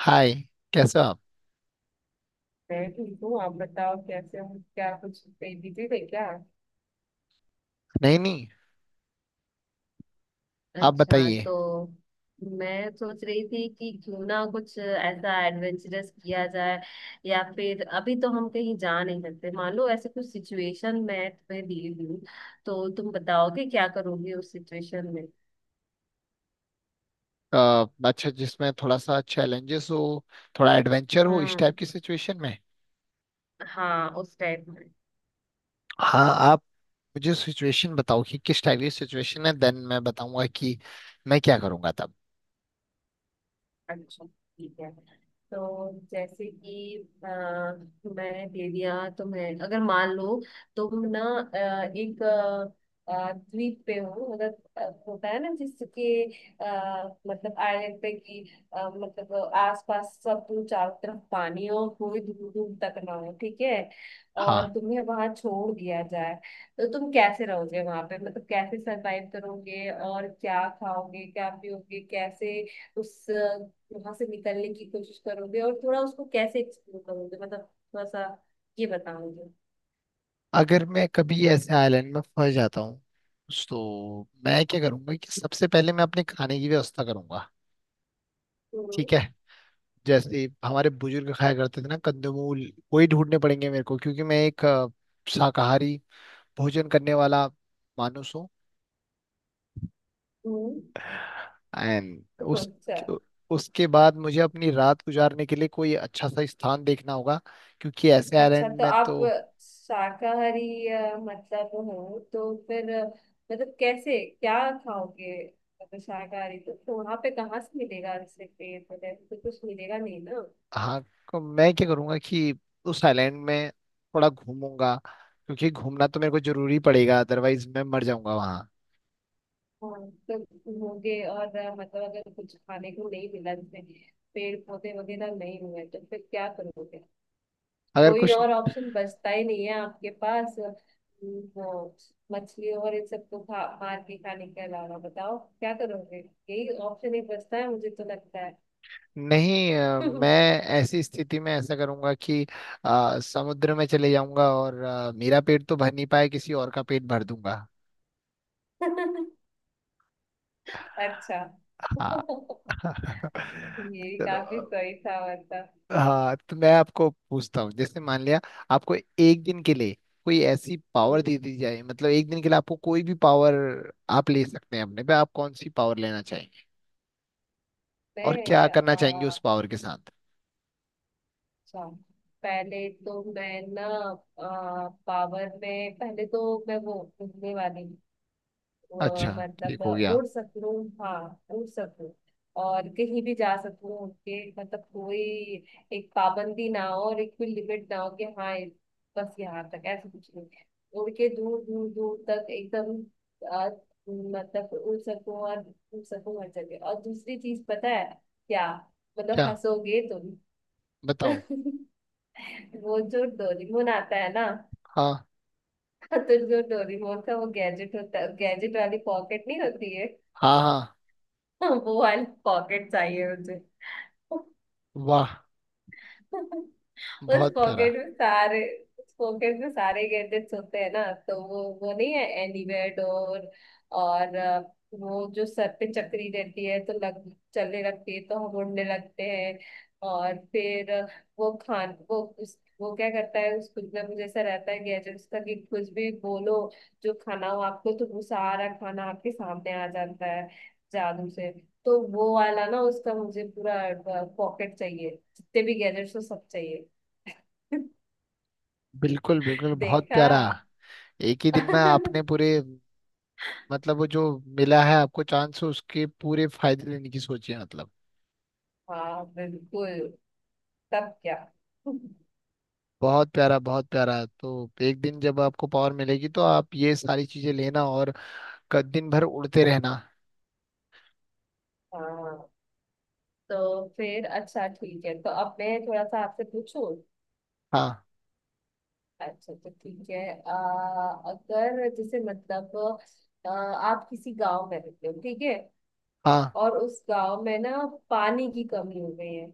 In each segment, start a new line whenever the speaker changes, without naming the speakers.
हाय। कैसे हो आप?
मैं ठीक हूँ। आप बताओ कैसे हो। क्या कुछ बिजी थे क्या?
नहीं नहीं, आप
अच्छा,
बताइए।
तो मैं सोच रही थी कि क्यों ना कुछ ऐसा एडवेंचरस किया जाए। या फिर अभी तो हम कहीं जा नहीं सकते, मान लो ऐसे कुछ सिचुएशन मैं तुम्हें दी हुई हूँ तो तुम बताओगे क्या करोगे उस सिचुएशन में।
अ, अच्छा, जिसमें थोड़ा सा चैलेंजेस हो, थोड़ा एडवेंचर हो, इस टाइप
हम्म।
की सिचुएशन में।
हाँ उस टाइप।
हाँ, आप मुझे सिचुएशन बताओ कि किस टाइप की सिचुएशन है, देन मैं बताऊंगा कि मैं क्या करूंगा तब।
अच्छा ठीक है। तो जैसे कि अ, मैं दे दिया तुम्हें, अगर मान लो तुम ना एक द्वीप पे हो, मतलब होता है ना जिसके, मतलब आइलैंड पे की, मतलब आसपास सब चारों तरफ पानी हो, कोई दूर दूर तक ना हो, ठीक है। और
हाँ,
तुम्हें वहां छोड़ दिया जाए तो तुम कैसे रहोगे वहां पे, मतलब कैसे सरवाइव करोगे, और क्या खाओगे क्या पियोगे, कैसे उस वहां से निकलने की कोशिश करोगे, और थोड़ा उसको कैसे एक्सप्लोर करोगे, मतलब थोड़ा सा ये बताओगे।
अगर मैं कभी ऐसे आइलैंड में फंस जाता हूँ तो मैं क्या करूंगा कि सबसे पहले मैं अपने खाने की व्यवस्था करूंगा।
हम्म,
ठीक है, जैसे हमारे बुजुर्ग खाया करते थे ना, कंदमूल वही ढूंढने पड़ेंगे मेरे को, क्योंकि मैं एक शाकाहारी भोजन करने वाला मानुस हूँ।
हम्म।
एंड उस
अच्छा,
उसके बाद मुझे अपनी रात गुजारने के लिए कोई अच्छा सा स्थान देखना होगा, क्योंकि ऐसे
अच्छा।
आइलैंड
तो
में तो।
आप शाकाहारी मतलब हो तो फिर मतलब कैसे क्या खाओगे? मतलब शाकाहारी तो वहां पे कहाँ से मिलेगा, जैसे पेड़ वगैरह तो कुछ मिलेगा नहीं ना।
हाँ, मैं क्या करूँगा कि उस आइलैंड में थोड़ा घूमूंगा, क्योंकि घूमना तो मेरे को जरूरी पड़ेगा, अदरवाइज मैं मर जाऊंगा वहाँ।
हाँ तो होगे, और मतलब अगर कुछ खाने को नहीं मिला, जैसे पेड़ पौधे वगैरह नहीं हुए, तो फिर क्या करोगे?
अगर
कोई
कुछ
और ऑप्शन बचता ही नहीं है आपके पास। वो मछली और इन सबको खा मार के खाने के अलावा बताओ क्या करोगे। यही ऑप्शन एक बचता है मुझे तो लगता है।
नहीं। मैं ऐसी स्थिति में ऐसा करूंगा कि समुद्र में चले जाऊंगा, और मेरा पेट तो भर नहीं पाए, किसी और का पेट भर दूंगा।
अच्छा।
हाँ।
ये भी
चलो
काफी
अ,
सही था मतलब।
हाँ, तो मैं आपको पूछता हूँ, जैसे मान लिया आपको एक दिन के लिए कोई ऐसी पावर दे दी जाए, मतलब एक दिन के लिए आपको कोई भी पावर आप ले सकते हैं अपने पे। आप कौन सी पावर लेना चाहेंगे और क्या
मैं
करना चाहेंगे उस पावर के साथ?
अच्छा, पहले तो मैं ना पावर में पहले तो मैं वो घूमने वाली, वो
अच्छा, ठीक
मतलब
हो गया।
उड़ सकूं। हाँ, उड़ सकूं और कहीं भी जा सकूं उड़ के, मतलब कोई एक पाबंदी ना हो और एक कोई लिमिट ना हो कि हाँ बस यहाँ तक, ऐसा कुछ नहीं। उड़ के दूर दूर दूर तक एकदम, आ, मतलब उड़ सकूं, और उड़ सकूं हर जगह। और दूसरी चीज पता है क्या? मतलब
क्या?
हंसोगे तुम।
बताओ।
वो जो डोरेमोन आता है ना।
हाँ।
तो जो डोरेमोन का वो गैजेट होता है, गैजेट वाली पॉकेट नहीं होती है?
हाँ। हाँ।
वो वाली पॉकेट चाहिए मुझे।
वाह,
उस
बहुत प्यारा।
पॉकेट में सारे उस पॉकेट में सारे गैजेट्स होते हैं ना, तो वो नहीं है एनीवेयर डोर। और वो जो सर पे चक्री रहती है तो लग चलने लगती है, तो हम उड़ने लगते हैं। और फिर वो क्या करता है, उस कुछ ना कुछ ऐसा रहता है गैजेट्स का कि कुछ भी बोलो, जो खाना हो आपको तो वो सारा खाना आपके सामने आ जाता है, जादू से। तो वो वाला ना उसका मुझे पूरा पॉकेट चाहिए, जितने भी गैजेट्स हो सब चाहिए।
बिल्कुल बिल्कुल, बहुत
देखा?
प्यारा। एक ही दिन में आपने पूरे, मतलब वो जो मिला है आपको चांस उसके पूरे फायदे लेने की सोची है मतलब।
हाँ बिल्कुल। तब क्या?
बहुत प्यारा बहुत प्यारा। तो एक दिन जब आपको पावर मिलेगी तो आप ये सारी चीजें लेना और दिन भर उड़ते रहना।
हाँ, तो फिर अच्छा ठीक है। तो अब मैं थोड़ा सा आपसे पूछूं।
हाँ।
अच्छा तो ठीक है, अगर जैसे मतलब आप किसी गांव में रहते हो, ठीक है?
हाँ।
और उस गांव में ना पानी की कमी हो गई है,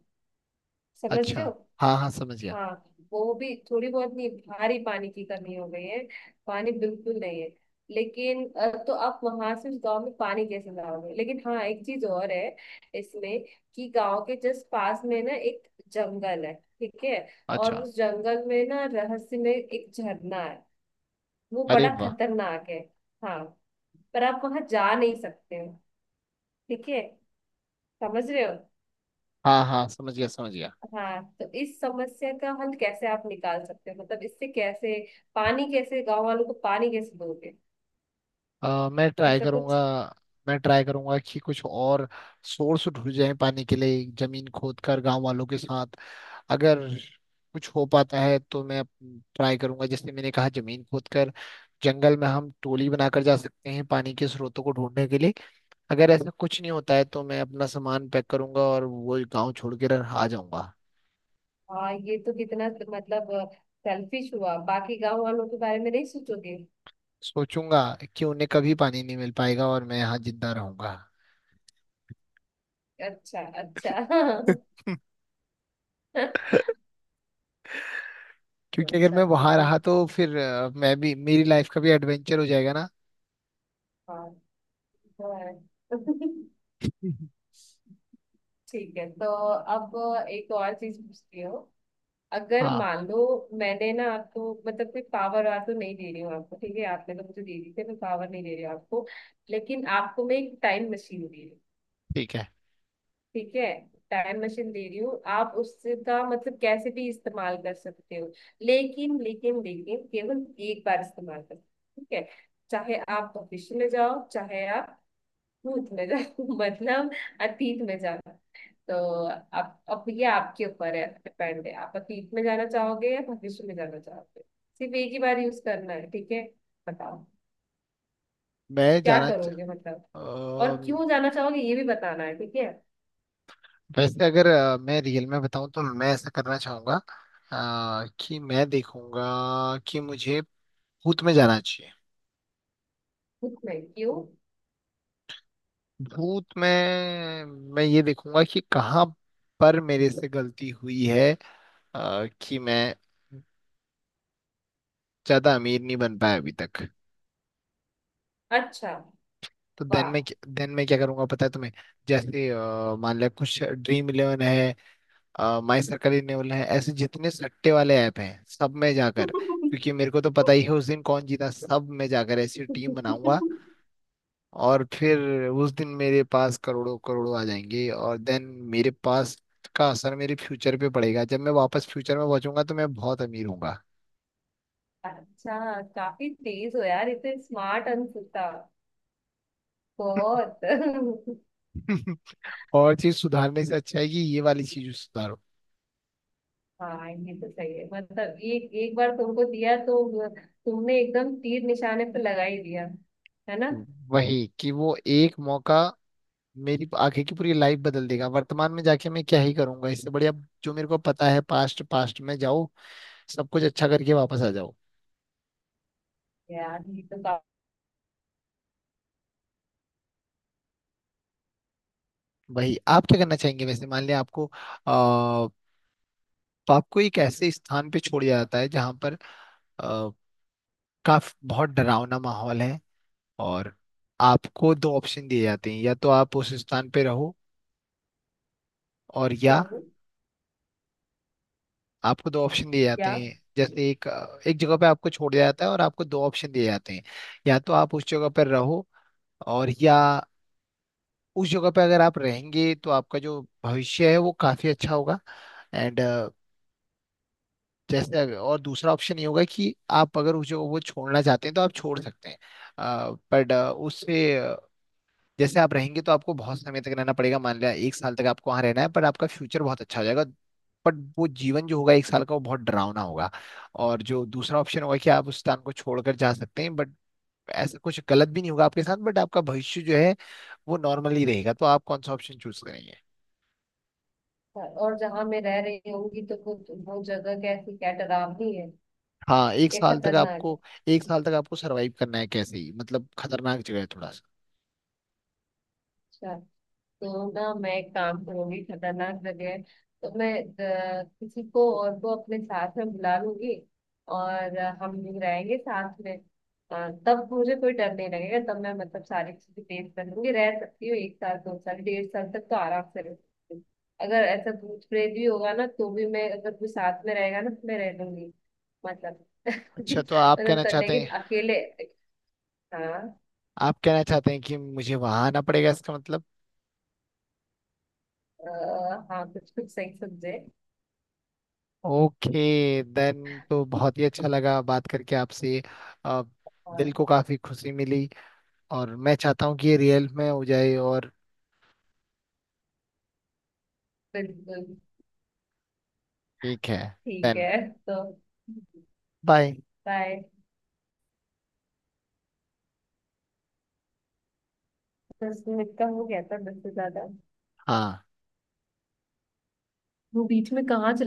समझ
अच्छा।
रहे हो?
हाँ हाँ समझ गया।
हाँ, वो भी थोड़ी बहुत नहीं, भारी पानी की कमी हो गई है, पानी बिल्कुल नहीं है। लेकिन तो आप वहां से उस गांव में पानी कैसे लाओगे? लेकिन हाँ, एक चीज और है इसमें, कि गांव के जस्ट पास में ना एक जंगल है, ठीक है। और
अच्छा।
उस जंगल में ना, रहस्य में एक झरना है, वो
अरे
बड़ा
वाह।
खतरनाक है। हाँ, पर आप वहां जा नहीं सकते हो, ठीक है, समझ रहे हो?
हाँ हाँ, समझ गया समझ गया।
हाँ तो इस समस्या का हल कैसे आप निकाल सकते हो, मतलब इससे कैसे पानी कैसे गांव वालों को पानी कैसे दोगे?
अ, मैं ट्राई
ऐसा कुछ।
करूंगा मैं ट्राई करूंगा कि कुछ और सोर्स ढूंढ जाए पानी के लिए, जमीन खोद कर, गांव वालों के साथ। अगर कुछ हो पाता है तो मैं ट्राई करूंगा, जैसे मैंने कहा, जमीन खोद कर। जंगल में हम टोली बनाकर जा सकते हैं पानी के स्रोतों को ढूंढने के लिए। अगर ऐसा कुछ नहीं होता है तो मैं अपना सामान पैक करूंगा और वो गांव छोड़ के आ जाऊंगा।
हाँ ये तो कितना मतलब सेल्फिश हुआ, बाकी गांव वालों के बारे में नहीं सोचोगे?
सोचूंगा कि उन्हें कभी पानी नहीं मिल पाएगा और मैं यहाँ जिंदा रहूंगा।
अच्छा, अच्छा।
क्योंकि अगर मैं
अच्छा तो
वहां
फिर-
रहा तो फिर मैं भी, मेरी लाइफ का भी एडवेंचर हो जाएगा ना।
हाँ तो है।
हम्म।
ठीक है, तो अब एक और चीज पूछती हूँ, अगर
हाँ,
मान लो। मैंने ना आपको मतलब कोई पावर वार तो नहीं दे रही हूँ आपको, ठीक है? आपने तो मुझे दे दी थी, मैं पावर नहीं दे रही हूँ आपको। लेकिन आपको मैं एक टाइम मशीन दे रही हूँ,
ठीक है।
ठीक है। टाइम मशीन दे रही हूँ, आप उससे का मतलब कैसे भी इस्तेमाल कर सकते हो, लेकिन लेकिन लेकिन केवल एक बार इस्तेमाल कर सकते हो, ठीक है। चाहे आप भविष्य में जाओ, चाहे आप भूत में जाओ, मतलब अतीत में जाओ। तो आप, अब ये आपके ऊपर है, डिपेंड है, आप अतीत में जाना चाहोगे या भविष्य में जाना चाहोगे। सिर्फ एक ही बार यूज करना है, ठीक है। बताओ
मैं
क्या
जाना च...
करोगे मतलब,
अ,
और क्यों जाना चाहोगे ये भी बताना है, ठीक है।
वैसे अगर मैं रियल में बताऊं तो मैं ऐसा करना चाहूंगा। कि मैं देखूंगा कि मुझे भूत में जाना चाहिए।
खुद में क्यों?
भूत में मैं ये देखूंगा कि कहाँ पर मेरे से गलती हुई है, कि मैं ज्यादा अमीर नहीं बन पाया अभी तक।
अच्छा।
तो देन
वाह।
में देन में क्या करूंगा पता है तुम्हें? जैसे मान लिया, कुछ ड्रीम इलेवन है, माई सर्कल इलेवन है, ऐसे जितने सट्टे वाले ऐप हैं सब में जाकर, क्योंकि मेरे को तो पता ही है उस दिन कौन जीता, सब में जाकर ऐसी टीम बनाऊंगा। और फिर उस दिन मेरे पास करोड़ों करोड़ों आ जाएंगे, और देन मेरे पास का असर मेरे फ्यूचर पे पड़ेगा, जब मैं वापस फ्यूचर में पहुंचूंगा तो मैं बहुत अमीर होऊंगा।
अच्छा, काफी तेज हो यार, इतने स्मार्ट अंकुता, बहुत।
और चीज सुधारने से अच्छा है कि ये वाली चीज सुधारो।
हाँ ये तो सही है मतलब, एक एक बार तुमको दिया तो तुमने एकदम तीर निशाने पे लगा ही दिया, है ना।
वही कि वो एक मौका मेरी आगे की पूरी लाइफ बदल देगा। वर्तमान में जाके मैं क्या ही करूंगा, इससे बढ़िया जो मेरे को पता है, पास्ट पास्ट में जाओ, सब कुछ अच्छा करके वापस आ जाओ।
यार, ये तो काफी।
वही, आप क्या करना चाहेंगे? वैसे मान लिया आपको, आ, आपको एक ऐसे स्थान पे छोड़ दिया जाता है जहां पर अ, काफ बहुत डरावना माहौल है। और आपको दो ऑप्शन दिए जाते हैं, या तो आप उस स्थान पे रहो और या,
हूँ?
आपको दो ऑप्शन दिए जाते
क्या?
हैं, जैसे एक एक जगह पे आपको छोड़ दिया जाता है और आपको दो ऑप्शन दिए जाते हैं, या तो आप उस जगह पर रहो और या, उस जगह पे अगर आप रहेंगे तो आपका जो भविष्य है वो काफी अच्छा होगा। एंड जैसे और दूसरा ऑप्शन ये होगा कि आप अगर उस जगह को छोड़ना चाहते हैं तो आप छोड़ सकते हैं, बट उससे, जैसे आप रहेंगे तो आपको बहुत समय तक रहना पड़ेगा, मान लिया एक साल तक आपको वहां रहना है, पर आपका फ्यूचर बहुत अच्छा हो जाएगा। बट वो जीवन जो होगा एक साल का, वो बहुत डरावना होगा। और जो दूसरा ऑप्शन होगा कि आप उस स्थान को छोड़कर जा सकते हैं, बट ऐसा कुछ गलत भी नहीं होगा आपके साथ, बट आपका भविष्य जो है वो नॉर्मल ही रहेगा। तो आप कौन सा ऑप्शन चूज करेंगे?
और जहाँ मैं रह रही होंगी तो वो जगह कैसी, क्या डरावनी है?
हाँ, एक
ये
साल तक
खतरनाक
आपको
है?
एक साल तक आपको सरवाइव करना है कैसे ही, मतलब खतरनाक जगह है थोड़ा सा।
अच्छा तो ना मैं एक काम करूंगी, खतरनाक जगह है तो मैं किसी को और को अपने साथ में बुला लूंगी, और हम लोग रहेंगे साथ में, तब मुझे कोई डर नहीं लगेगा, तब मैं मतलब सारी चीजें फेस कर लूंगी, रह सकती हूँ एक साल 2 साल 1.5 साल तक तो आराम से रह सकती हूँ। अगर ऐसा भूत प्रेत भी होगा ना तो भी मैं, अगर कोई साथ में रहेगा ना तो मैं रह लूंगी, मतलब।
अच्छा, तो आप
मतलब
कहना
तो,
चाहते
लेकिन
हैं
अकेले। हाँ
आप कहना चाहते हैं कि मुझे वहां आना पड़ेगा, इसका मतलब।
हाँ कुछ कुछ सही समझे।
ओके। देन तो बहुत ही अच्छा लगा बात करके आपसे। अ,
हाँ
दिल को काफी खुशी मिली, और मैं चाहता हूँ कि ये रियल में हो जाए, और
बिल्कुल।
ठीक है।
ठीक
देन,
है तो
बाय।
बाय। 10 मिनट का हो गया था, 10 से ज्यादा।
हाँ।
वो बीच में कहाँ चला।